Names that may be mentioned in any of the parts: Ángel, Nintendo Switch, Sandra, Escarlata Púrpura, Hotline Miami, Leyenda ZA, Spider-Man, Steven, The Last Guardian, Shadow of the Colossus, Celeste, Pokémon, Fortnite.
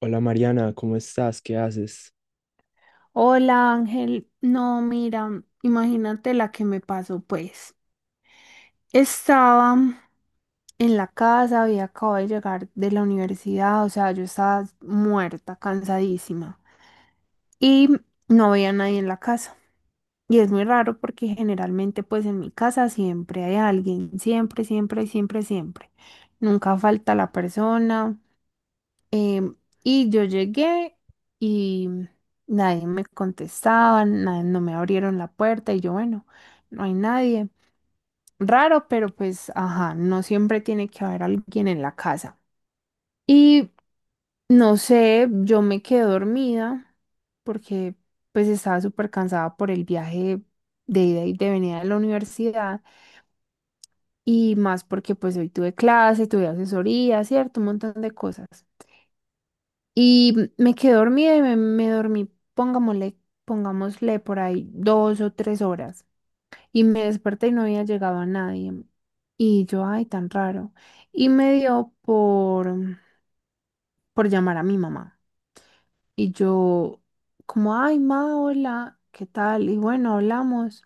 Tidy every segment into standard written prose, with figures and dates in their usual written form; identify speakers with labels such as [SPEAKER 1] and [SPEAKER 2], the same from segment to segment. [SPEAKER 1] Hola, Mariana, ¿cómo estás? ¿Qué haces?
[SPEAKER 2] Hola Ángel, no, mira, imagínate la que me pasó, pues. Estaba en la casa, había acabado de llegar de la universidad, o sea, yo estaba muerta, cansadísima y no había nadie en la casa. Y es muy raro porque generalmente pues en mi casa siempre hay alguien, siempre, siempre, siempre, siempre. Nunca falta la persona. Em, y yo llegué y nadie me contestaba, no me abrieron la puerta y yo, bueno, no hay nadie. Raro, pero pues, ajá, no siempre tiene que haber alguien en la casa. Y no sé, yo me quedé dormida porque pues estaba súper cansada por el viaje de ida y de venida de la universidad y más porque pues hoy tuve clase, tuve asesoría, cierto, un montón de cosas. Y me quedé dormida y me dormí, pongámosle por ahí 2 o 3 horas. Y me desperté y no había llegado a nadie. Y yo, ay, tan raro. Y me dio por llamar a mi mamá. Y yo, como, ay, ma, hola, ¿qué tal? Y bueno, hablamos.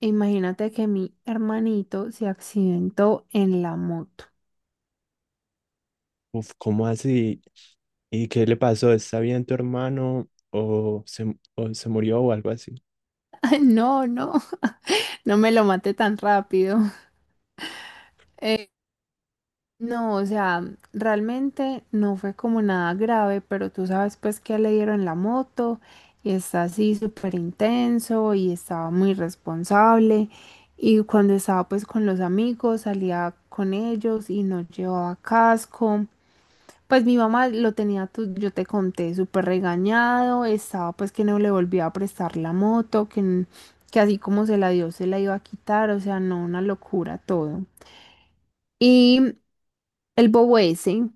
[SPEAKER 2] E imagínate que mi hermanito se accidentó en la moto.
[SPEAKER 1] Uf, ¿cómo así? ¿Y qué le pasó? ¿Está bien tu hermano o se murió o algo así?
[SPEAKER 2] No, no, no me lo maté tan rápido. No, o sea, realmente no fue como nada grave, pero tú sabes pues que le dieron la moto y está así súper intenso y estaba muy responsable y cuando estaba pues con los amigos salía con ellos y no llevaba casco. Pues mi mamá lo tenía, yo te conté, súper regañado, estaba pues que no le volvía a prestar la moto, que así como se la dio, se la iba a quitar, o sea, no, una locura todo. Y el bobo ese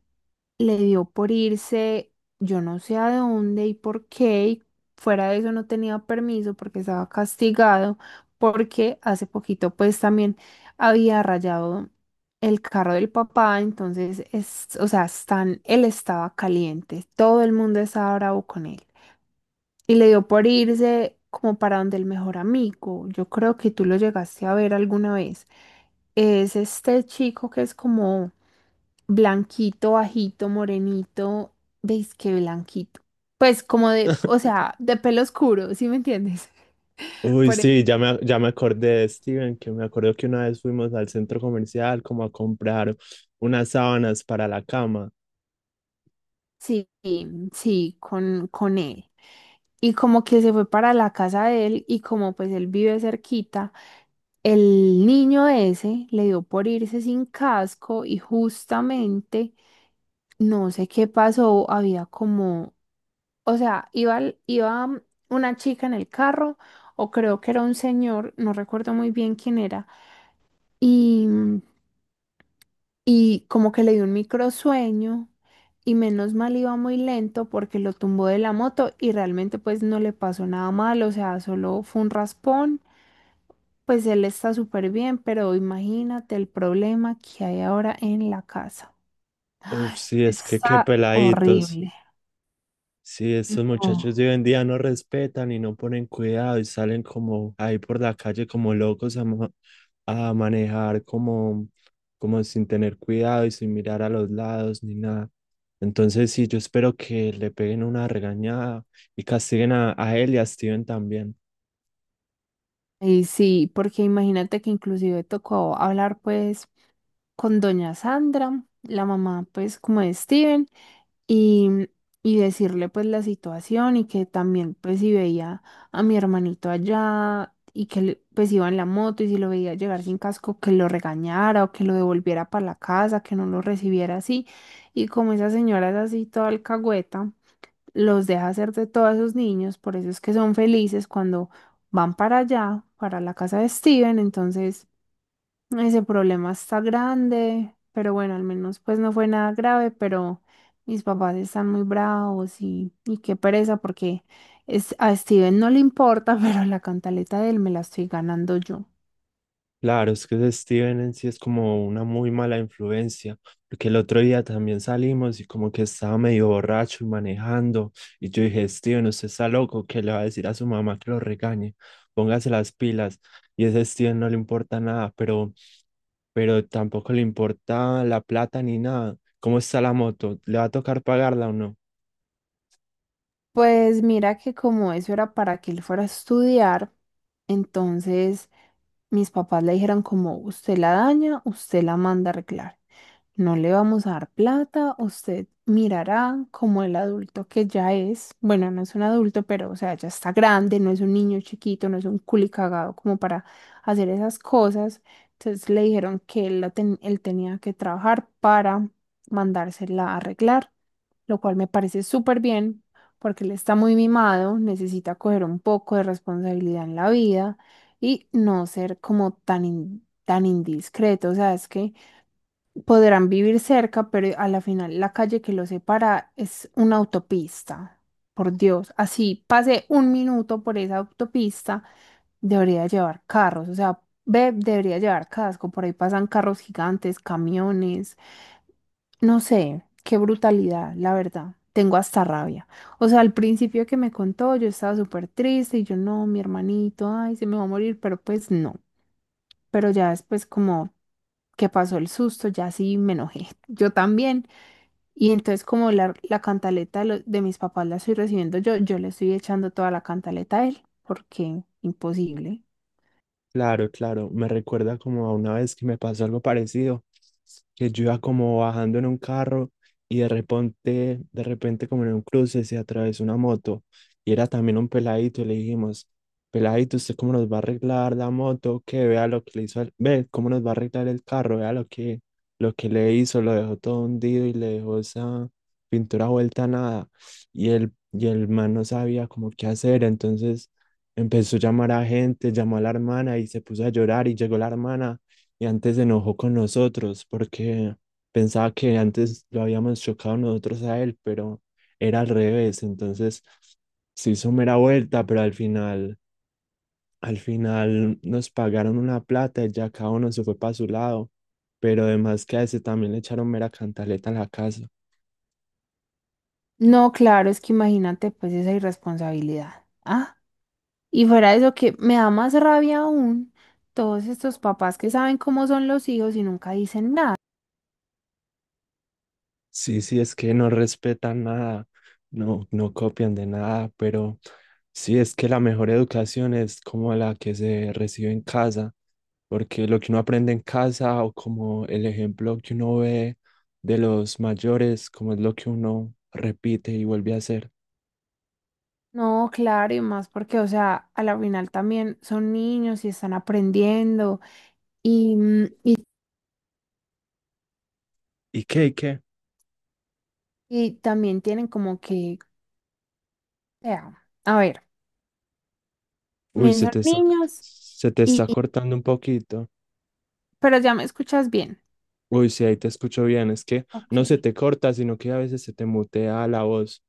[SPEAKER 2] le dio por irse, yo no sé a dónde y por qué, y fuera de eso no tenía permiso porque estaba castigado, porque hace poquito pues también había rayado el carro del papá, entonces, es, o sea, están, él estaba caliente, todo el mundo estaba bravo con él. Y le dio por irse como para donde el mejor amigo. Yo creo que tú lo llegaste a ver alguna vez. Es este chico que es como blanquito, bajito, morenito. ¿Veis qué blanquito? Pues como de, o sea, de pelo oscuro, ¿sí me entiendes?
[SPEAKER 1] Uy,
[SPEAKER 2] Por eso.
[SPEAKER 1] sí, ya me acordé de Steven, que me acuerdo que una vez fuimos al centro comercial como a comprar unas sábanas para la cama.
[SPEAKER 2] Sí, sí, con él. Y como que se fue para la casa de él y como pues él vive cerquita, el niño ese le dio por irse sin casco y justamente no sé qué pasó, había como, o sea, iba, iba una chica en el carro o creo que era un señor, no recuerdo muy bien quién era, y y como que le dio un microsueño y menos mal iba muy lento porque lo tumbó de la moto y realmente pues no le pasó nada mal, o sea, solo fue un raspón, pues él está súper bien, pero imagínate el problema que hay ahora en la casa.
[SPEAKER 1] Uf, sí, es que qué
[SPEAKER 2] Está
[SPEAKER 1] peladitos.
[SPEAKER 2] horrible.
[SPEAKER 1] Sí, estos
[SPEAKER 2] No.
[SPEAKER 1] muchachos de hoy en día no respetan y no ponen cuidado y salen como ahí por la calle como locos a, a manejar como sin tener cuidado y sin mirar a los lados ni nada. Entonces sí, yo espero que le peguen una regañada y castiguen a él y a Steven también.
[SPEAKER 2] Y sí, porque imagínate que inclusive tocó hablar pues con doña Sandra, la mamá pues como de Steven, y, y decirle pues la situación y que también pues si veía a mi hermanito allá y que pues iba en la moto y si lo veía llegar sin casco que lo regañara o que lo devolviera para la casa, que no lo recibiera así. Y como esa señora es así toda alcahueta, los deja hacer de todos esos niños, por eso es que son felices cuando van para allá, para la casa de Steven, entonces... Ese problema está grande, pero bueno, al menos pues no fue nada grave, pero mis papás están muy bravos y qué pereza porque es, a Steven no le importa, pero la cantaleta de él me la estoy ganando yo.
[SPEAKER 1] Claro, es que ese Steven en sí es como una muy mala influencia, porque el otro día también salimos y como que estaba medio borracho y manejando, y yo dije, Steven, usted está loco, que le va a decir a su mamá que lo regañe, póngase las pilas, y ese Steven no le importa nada, pero tampoco le importa la plata ni nada. ¿Cómo está la moto? ¿Le va a tocar pagarla o no?
[SPEAKER 2] Pues mira que como eso era para que él fuera a estudiar, entonces mis papás le dijeron como usted la daña, usted la manda a arreglar. No le vamos a dar plata, usted mirará como el adulto que ya es. Bueno, no es un adulto, pero o sea, ya está grande, no es un niño chiquito, no es un culicagado como para hacer esas cosas. Entonces le dijeron que él tenía que trabajar para mandársela a arreglar, lo cual me parece súper bien porque él está muy mimado, necesita coger un poco de responsabilidad en la vida y no ser como tan, tan indiscreto. O sea, es que podrán vivir cerca, pero a la final la calle que los separa es una autopista. Por Dios, así pase un minuto por esa autopista, debería llevar carros, o sea, ve, debería llevar casco, por ahí pasan carros gigantes, camiones, no sé, qué brutalidad, la verdad. Tengo hasta rabia. O sea, al principio que me contó, yo estaba súper triste y yo no, mi hermanito, ay, se me va a morir, pero pues no. Pero ya después como que pasó el susto, ya sí me enojé. Yo también. Y entonces como la cantaleta de mis papás la estoy recibiendo yo, yo le estoy echando toda la cantaleta a él, porque imposible.
[SPEAKER 1] Claro, claro, me recuerda como a una vez que me pasó algo parecido, que yo iba como bajando en un carro y de repente como en un cruce se atravesó una moto y era también un peladito y le dijimos, peladito, ¿usted cómo nos va a arreglar la moto? Que vea lo que le hizo, ve cómo nos va a arreglar el carro, vea lo que le hizo, lo dejó todo hundido y le dejó esa pintura vuelta a nada, y y el man no sabía como qué hacer. Entonces empezó a llamar a gente, llamó a la hermana y se puso a llorar, y llegó la hermana y antes se enojó con nosotros porque pensaba que antes lo habíamos chocado nosotros a él, pero era al revés. Entonces se hizo mera vuelta, pero al final nos pagaron una plata y ya cada uno se fue para su lado. Pero además que a ese también le echaron mera cantaleta en la casa.
[SPEAKER 2] No, claro, es que imagínate pues esa irresponsabilidad. Ah, y fuera de eso que me da más rabia aún todos estos papás que saben cómo son los hijos y nunca dicen nada.
[SPEAKER 1] Sí, sí, es que no respetan nada, no copian de nada, pero sí, es que la mejor educación es como la que se recibe en casa, porque lo que uno aprende en casa, o como el ejemplo que uno ve de los mayores, como es lo que uno repite y vuelve a hacer.
[SPEAKER 2] No, claro, y más porque, o sea, a la final también son niños y están aprendiendo y, mm,
[SPEAKER 1] ¿Y qué? ¿Y qué?
[SPEAKER 2] y también tienen como que, o sea, a ver,
[SPEAKER 1] Uy,
[SPEAKER 2] también son niños.
[SPEAKER 1] se te está cortando un poquito.
[SPEAKER 2] Pero ya me escuchas bien.
[SPEAKER 1] Uy, sí, ahí te escucho bien, es que
[SPEAKER 2] Ok.
[SPEAKER 1] no se te corta, sino que a veces se te mutea la voz.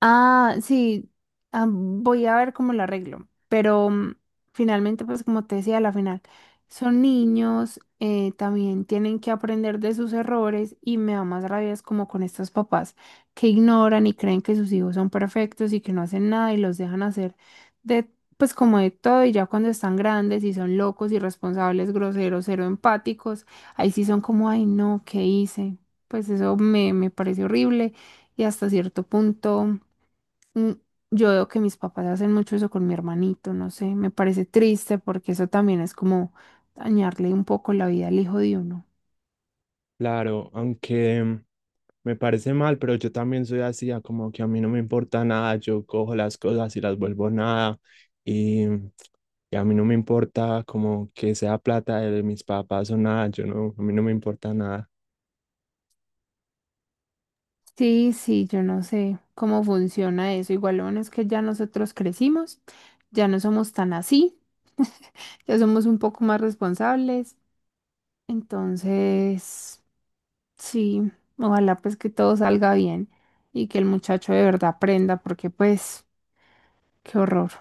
[SPEAKER 2] Ah, sí, ah, voy a ver cómo lo arreglo, pero finalmente, pues como te decía, a la final son niños, también tienen que aprender de sus errores y me da más rabia es como con estos papás que ignoran y creen que sus hijos son perfectos y que no hacen nada y los dejan hacer de, pues como de todo y ya cuando están grandes y son locos, irresponsables, groseros, cero empáticos, ahí sí son como, ay no, ¿qué hice? Pues eso me parece horrible y hasta cierto punto. Mm, Yo veo que mis papás hacen mucho eso con mi hermanito, no sé, me parece triste porque eso también es como dañarle un poco la vida al hijo de uno.
[SPEAKER 1] Claro, aunque… me parece mal, pero yo también soy así. Ah, como que a mí no me importa nada, yo cojo las cosas y las vuelvo nada, y, y a mí no me importa como que sea plata de mis papás o nada, yo no, a mí no me importa nada.
[SPEAKER 2] Sí, sí, yo no sé cómo funciona eso. Igual lo bueno es que ya nosotros crecimos, ya no somos tan así, ya somos un poco más responsables. Entonces, sí, ojalá pues que todo salga bien y que el muchacho de verdad aprenda porque pues, qué horror.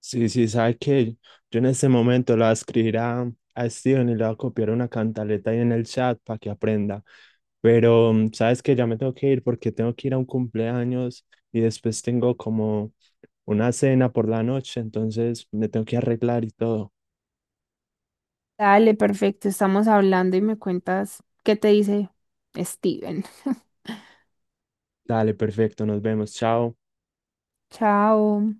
[SPEAKER 1] Sí, sí, sabe que yo en este momento la voy a escribir a Steven y le voy a copiar una cantaleta ahí en el chat para que aprenda, pero sabes que ya me tengo que ir porque tengo que ir a un cumpleaños y después tengo como una cena por la noche, entonces me tengo que arreglar y todo.
[SPEAKER 2] Dale, perfecto, estamos hablando y me cuentas qué te dice Steven.
[SPEAKER 1] Dale, perfecto, nos vemos, chao.
[SPEAKER 2] Chao.